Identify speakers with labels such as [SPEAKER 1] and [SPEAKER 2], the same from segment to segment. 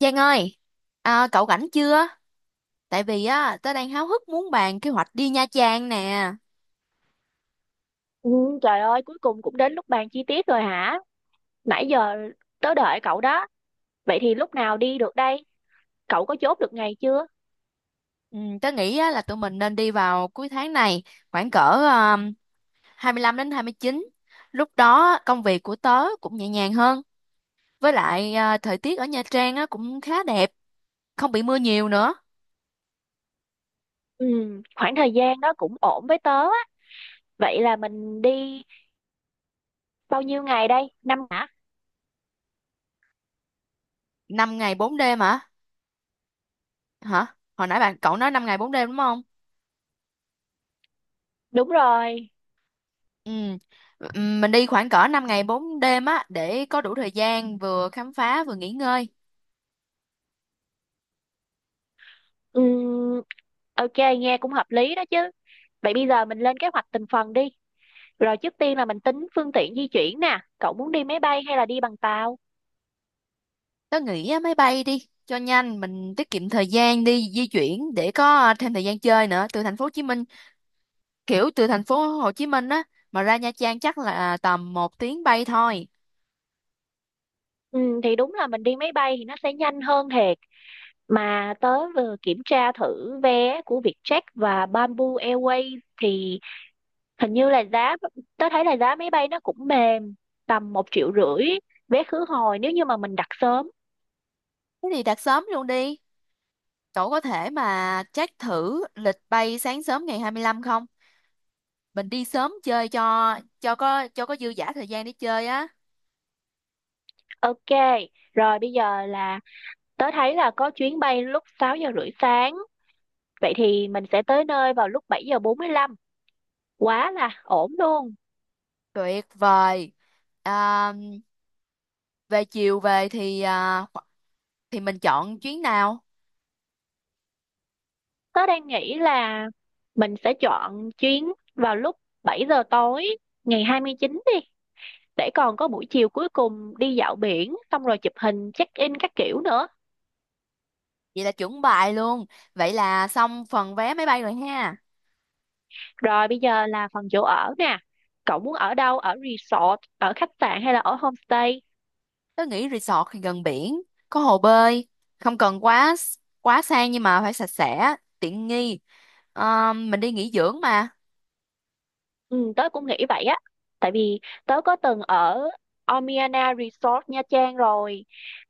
[SPEAKER 1] Giang ơi, cậu rảnh chưa? Tại vì á, tớ đang háo hức muốn bàn kế hoạch đi Nha Trang nè.
[SPEAKER 2] Ừ, trời ơi, cuối cùng cũng đến lúc bàn chi tiết rồi hả? Nãy giờ tớ đợi cậu đó. Vậy thì lúc nào đi được đây? Cậu có chốt được ngày chưa?
[SPEAKER 1] Ừ, tớ nghĩ á, là tụi mình nên đi vào cuối tháng này, khoảng cỡ um, 25 đến 29. Lúc đó công việc của tớ cũng nhẹ nhàng hơn. Với lại à, thời tiết ở Nha Trang á, cũng khá đẹp, không bị mưa nhiều nữa.
[SPEAKER 2] Ừ, khoảng thời gian đó cũng ổn với tớ á. Vậy là mình đi bao nhiêu ngày đây? Năm hả?
[SPEAKER 1] Năm ngày 4 đêm hả? Hả? Hồi nãy bạn cậu nói 5 ngày 4 đêm đúng không?
[SPEAKER 2] Đúng rồi.
[SPEAKER 1] Ừ. Mình đi khoảng cỡ 5 ngày 4 đêm á để có đủ thời gian vừa khám phá vừa nghỉ ngơi.
[SPEAKER 2] Ừ, ok, nghe cũng hợp lý đó chứ. Vậy bây giờ mình lên kế hoạch từng phần đi. Rồi trước tiên là mình tính phương tiện di chuyển nè. Cậu muốn đi máy bay hay là đi bằng tàu?
[SPEAKER 1] Tớ nghĩ á, máy bay đi cho nhanh, mình tiết kiệm thời gian đi di chuyển để có à, thêm thời gian chơi nữa. Từ thành phố Hồ Chí Minh, kiểu từ thành phố Hồ Chí Minh á mà ra Nha Trang chắc là à, tầm một tiếng bay thôi.
[SPEAKER 2] Ừ, thì đúng là mình đi máy bay thì nó sẽ nhanh hơn thiệt, mà tớ vừa kiểm tra thử vé của Vietjet và Bamboo Airways thì hình như là giá, tớ thấy là giá máy bay nó cũng mềm, tầm 1,5 triệu vé khứ hồi nếu như mà mình đặt sớm.
[SPEAKER 1] Thế thì đặt sớm luôn đi. Cậu có thể mà check thử lịch bay sáng sớm ngày 25 không? Mình đi sớm chơi cho có dư dả thời gian để chơi á.
[SPEAKER 2] Ok, rồi bây giờ là tớ thấy là có chuyến bay lúc 6 giờ rưỡi sáng, vậy thì mình sẽ tới nơi vào lúc 7:45, quá là ổn luôn.
[SPEAKER 1] Tuyệt vời. À, về chiều về thì à, thì mình chọn chuyến nào?
[SPEAKER 2] Tớ đang nghĩ là mình sẽ chọn chuyến vào lúc 7 giờ tối ngày 29 đi, để còn có buổi chiều cuối cùng đi dạo biển xong rồi chụp hình check in các kiểu nữa.
[SPEAKER 1] Vậy là chuẩn bài luôn. Vậy là xong phần vé máy bay rồi ha.
[SPEAKER 2] Rồi bây giờ là phần chỗ ở nè, cậu muốn ở đâu, ở resort, ở khách sạn hay là ở homestay?
[SPEAKER 1] Tớ nghĩ resort thì gần biển, có hồ bơi, không cần quá quá sang nhưng mà phải sạch sẽ, tiện nghi. Ờ, mình đi nghỉ dưỡng mà.
[SPEAKER 2] Ừ, tớ cũng nghĩ vậy á. Tại vì tớ có từng ở Omiana Resort Nha Trang rồi.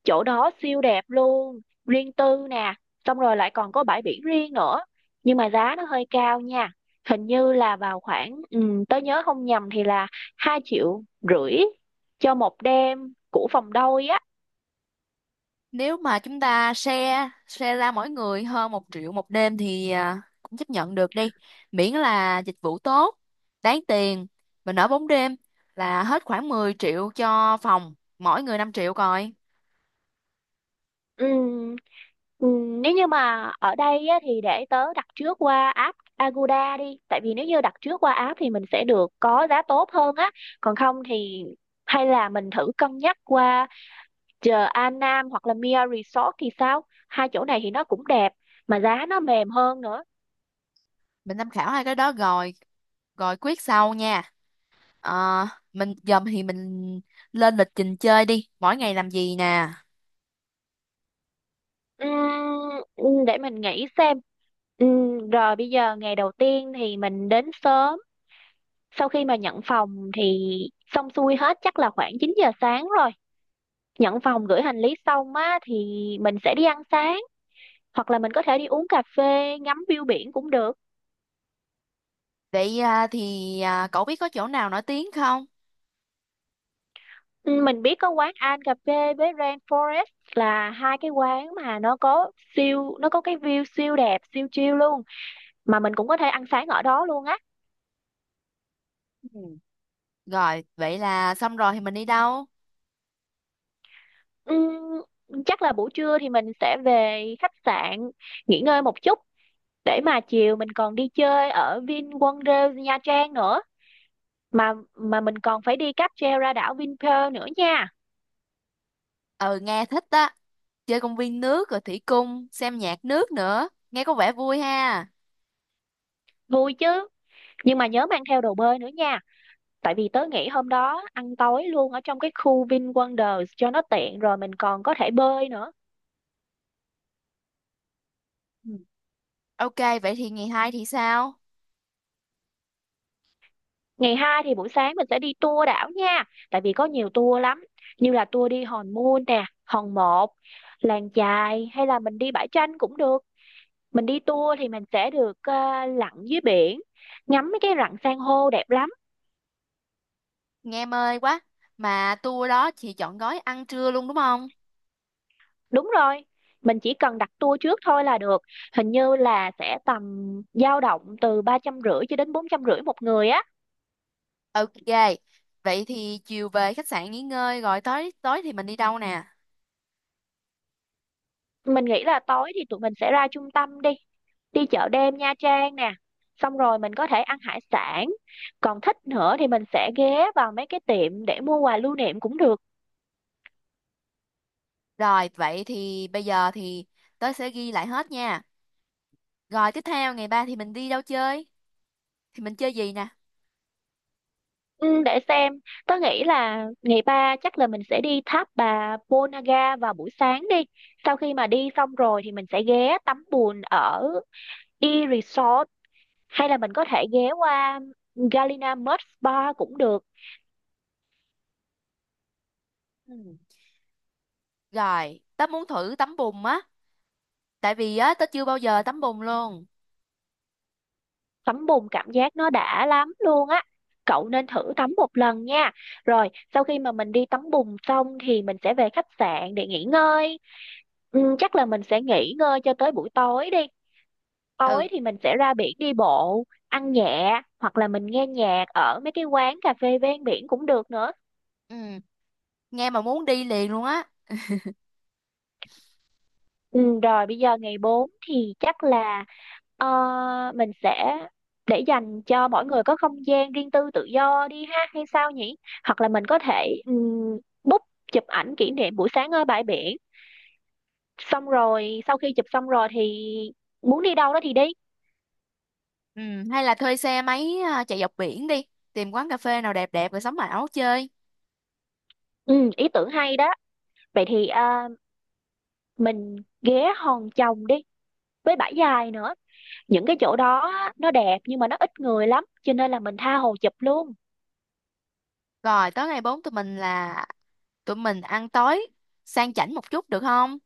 [SPEAKER 2] Chỗ đó siêu đẹp luôn, riêng tư nè, xong rồi lại còn có bãi biển riêng nữa. Nhưng mà giá nó hơi cao nha. Hình như là vào khoảng tớ nhớ không nhầm thì là 2,5 triệu cho 1 đêm của phòng đôi á.
[SPEAKER 1] Nếu mà chúng ta share share ra mỗi người hơn một triệu một đêm thì à, cũng chấp nhận được đi. Miễn là dịch vụ tốt, đáng tiền. Mình ở bốn đêm là hết khoảng 10 triệu cho phòng, mỗi người 5 triệu coi.
[SPEAKER 2] Ừ, nếu như mà ở đây á, thì để tớ đặt trước qua app Agoda đi, tại vì nếu như đặt trước qua app thì mình sẽ được có giá tốt hơn á. Còn không thì hay là mình thử cân nhắc qua chờ An Nam hoặc là Mia Resort thì sao, hai chỗ này thì nó cũng đẹp mà giá nó mềm hơn nữa.
[SPEAKER 1] Mình tham khảo hai cái đó rồi, rồi quyết sau nha. Ờ, mình dầm thì mình lên lịch trình chơi đi. Mỗi ngày làm gì nè?
[SPEAKER 2] Để mình nghĩ xem. Rồi bây giờ ngày đầu tiên thì mình đến sớm, sau khi mà nhận phòng thì xong xuôi hết chắc là khoảng 9 giờ sáng rồi. Nhận phòng gửi hành lý xong á thì mình sẽ đi ăn sáng, hoặc là mình có thể đi uống cà phê ngắm view biển cũng được.
[SPEAKER 1] Vậy à, thì à, cậu biết có chỗ nào nổi tiếng không?
[SPEAKER 2] Ừ, mình biết có quán An cà phê với Rain Forest là hai cái quán mà nó có cái view siêu đẹp siêu chill luôn, mà mình cũng có thể ăn sáng ở đó luôn á.
[SPEAKER 1] Ừ. Rồi, vậy là xong rồi thì mình đi đâu?
[SPEAKER 2] Ừm, chắc là buổi trưa thì mình sẽ về khách sạn nghỉ ngơi một chút, để mà chiều mình còn đi chơi ở VinWonders Nha Trang nữa, mà mình còn phải đi cáp treo ra đảo Vinpearl nữa nha.
[SPEAKER 1] Ừ, nghe thích á. Chơi công viên nước rồi thủy cung, xem nhạc nước nữa. Nghe có vẻ vui ha.
[SPEAKER 2] Vui chứ, nhưng mà nhớ mang theo đồ bơi nữa nha, tại vì tớ nghĩ hôm đó ăn tối luôn ở trong cái khu VinWonders cho nó tiện, rồi mình còn có thể bơi nữa.
[SPEAKER 1] Ừ. Ok, vậy thì ngày hai thì sao?
[SPEAKER 2] Ngày hai thì buổi sáng mình sẽ đi tour đảo nha, tại vì có nhiều tour lắm, như là tour đi Hòn Mun nè, Hòn Một, làng chài, hay là mình đi bãi tranh cũng được. Mình đi tour thì mình sẽ được lặn dưới biển, ngắm mấy cái rặng san hô đẹp lắm.
[SPEAKER 1] Nghe mê quá. Mà tour đó chị chọn gói ăn trưa luôn đúng không?
[SPEAKER 2] Đúng rồi, mình chỉ cần đặt tour trước thôi là được. Hình như là sẽ tầm dao động từ 350 cho đến 450 1 người á.
[SPEAKER 1] Ok. Vậy thì chiều về khách sạn nghỉ ngơi rồi tối tối thì mình đi đâu nè?
[SPEAKER 2] Mình nghĩ là tối thì tụi mình sẽ ra trung tâm đi, đi chợ đêm Nha Trang nè. Xong rồi mình có thể ăn hải sản. Còn thích nữa thì mình sẽ ghé vào mấy cái tiệm để mua quà lưu niệm cũng được.
[SPEAKER 1] Rồi, vậy thì bây giờ thì tớ sẽ ghi lại hết nha. Rồi tiếp theo ngày ba thì mình đi đâu chơi? Thì mình chơi gì nè?
[SPEAKER 2] Ừ, để xem, tớ nghĩ là ngày ba chắc là mình sẽ đi tháp bà Ponagar vào buổi sáng đi. Sau khi mà đi xong rồi thì mình sẽ ghé tắm bùn ở E Resort, hay là mình có thể ghé qua Galina Mud Spa cũng được.
[SPEAKER 1] Ừ. Rồi, tớ muốn thử tắm bùn á, tại vì á tớ chưa bao giờ tắm bùn luôn.
[SPEAKER 2] Tắm bùn cảm giác nó đã lắm luôn á. Cậu nên thử tắm 1 lần nha. Rồi, sau khi mà mình đi tắm bùn xong thì mình sẽ về khách sạn để nghỉ ngơi. Ừ, chắc là mình sẽ nghỉ ngơi cho tới buổi tối đi. Tối
[SPEAKER 1] Ừ,
[SPEAKER 2] thì mình sẽ ra biển đi bộ, ăn nhẹ hoặc là mình nghe nhạc ở mấy cái quán cà phê ven biển cũng được nữa.
[SPEAKER 1] ừ, nghe mà muốn đi liền luôn á.
[SPEAKER 2] Ừ, rồi bây giờ ngày 4 thì chắc là ờ, mình sẽ để dành cho mỗi người có không gian riêng tư tự do đi ha, hay sao nhỉ? Hoặc là mình có thể book chụp ảnh kỷ niệm buổi sáng ở bãi biển. Xong rồi sau khi chụp xong rồi thì muốn đi đâu đó thì đi.
[SPEAKER 1] Ừ, hay là thuê xe máy à, chạy dọc biển đi, tìm quán cà phê nào đẹp đẹp rồi sắm áo chơi.
[SPEAKER 2] Ừ, ý tưởng hay đó. Vậy thì mình ghé Hòn Chồng đi với Bãi Dài nữa. Những cái chỗ đó á, nó đẹp nhưng mà nó ít người lắm cho nên là mình tha hồ chụp luôn.
[SPEAKER 1] Rồi, tới ngày 4 tụi mình là tụi mình ăn tối sang chảnh một chút được không?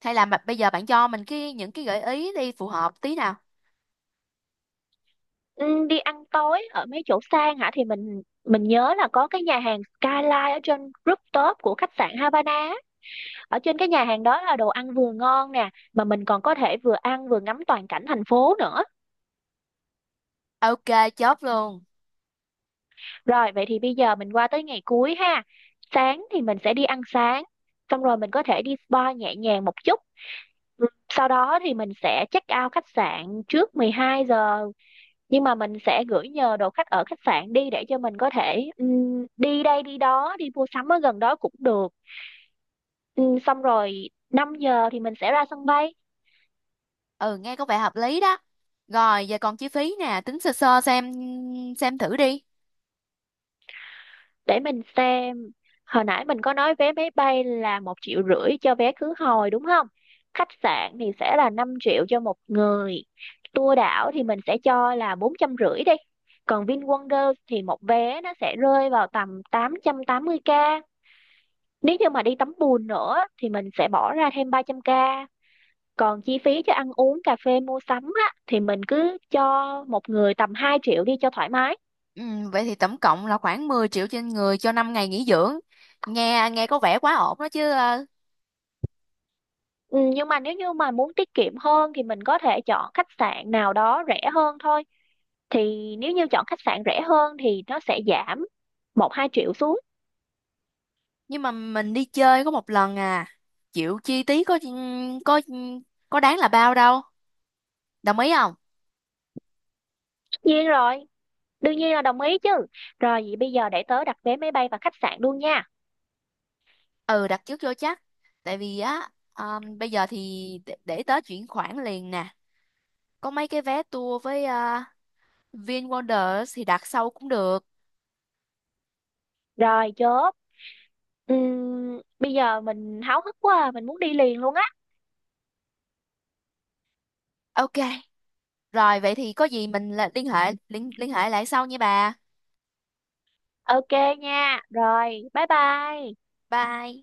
[SPEAKER 1] Hay là mà- bây giờ bạn cho mình cái những cái gợi ý đi phù hợp tí nào.
[SPEAKER 2] Ừ, đi ăn tối ở mấy chỗ sang hả, thì mình nhớ là có cái nhà hàng Skyline ở trên rooftop của khách sạn Havana á. Ở trên cái nhà hàng đó là đồ ăn vừa ngon nè, mà mình còn có thể vừa ăn vừa ngắm toàn cảnh thành phố nữa.
[SPEAKER 1] Ok, chốt luôn.
[SPEAKER 2] Rồi vậy thì bây giờ mình qua tới ngày cuối ha, sáng thì mình sẽ đi ăn sáng, xong rồi mình có thể đi spa nhẹ nhàng một chút. Ừ, sau đó thì mình sẽ check out khách sạn trước 12 giờ, nhưng mà mình sẽ gửi nhờ đồ khách ở khách sạn đi để cho mình có thể đi đây đi đó, đi mua sắm ở gần đó cũng được. Xong rồi 5 giờ thì mình sẽ ra sân bay.
[SPEAKER 1] Ừ nghe có vẻ hợp lý đó. Rồi giờ còn chi phí nè, tính sơ sơ xem thử đi.
[SPEAKER 2] Để mình xem, hồi nãy mình có nói vé máy bay là 1,5 triệu cho vé khứ hồi đúng không. Khách sạn thì sẽ là 5 triệu cho 1 người, tour đảo thì mình sẽ cho là 450 đi, còn VinWonders thì 1 vé nó sẽ rơi vào tầm tám 880k. Nếu như mà đi tắm bùn nữa thì mình sẽ bỏ ra thêm 300 k. Còn chi phí cho ăn uống, cà phê, mua sắm á, thì mình cứ cho 1 người tầm 2 triệu đi cho thoải mái.
[SPEAKER 1] Ừ, vậy thì tổng cộng là khoảng 10 triệu trên người cho 5 ngày nghỉ dưỡng. Nghe nghe có vẻ quá ổn đó chứ. Ờ,
[SPEAKER 2] Ừ, nhưng mà nếu như mà muốn tiết kiệm hơn thì mình có thể chọn khách sạn nào đó rẻ hơn thôi. Thì nếu như chọn khách sạn rẻ hơn thì nó sẽ giảm 1-2 triệu xuống.
[SPEAKER 1] nhưng mà mình đi chơi có một lần à, chịu chi phí có có ừ, có đáng là bao đâu, đồng ý không?
[SPEAKER 2] Tất nhiên rồi, đương nhiên là đồng ý chứ. Rồi vậy bây giờ để tớ đặt vé máy bay và khách sạn luôn nha.
[SPEAKER 1] Ừ, đặt trước vô chắc. Tại vì á ờ, bây giờ thì để tớ chuyển khoản liền nè. Có mấy cái vé tour với VinWonders thì đặt sau cũng được.
[SPEAKER 2] Rồi chốt. Bây giờ mình háo hức quá, mình muốn đi liền luôn.
[SPEAKER 1] Ok. Rồi vậy thì có gì mình là liên hệ lại sau nha bà.
[SPEAKER 2] Ok nha. Rồi, bye bye.
[SPEAKER 1] Bye.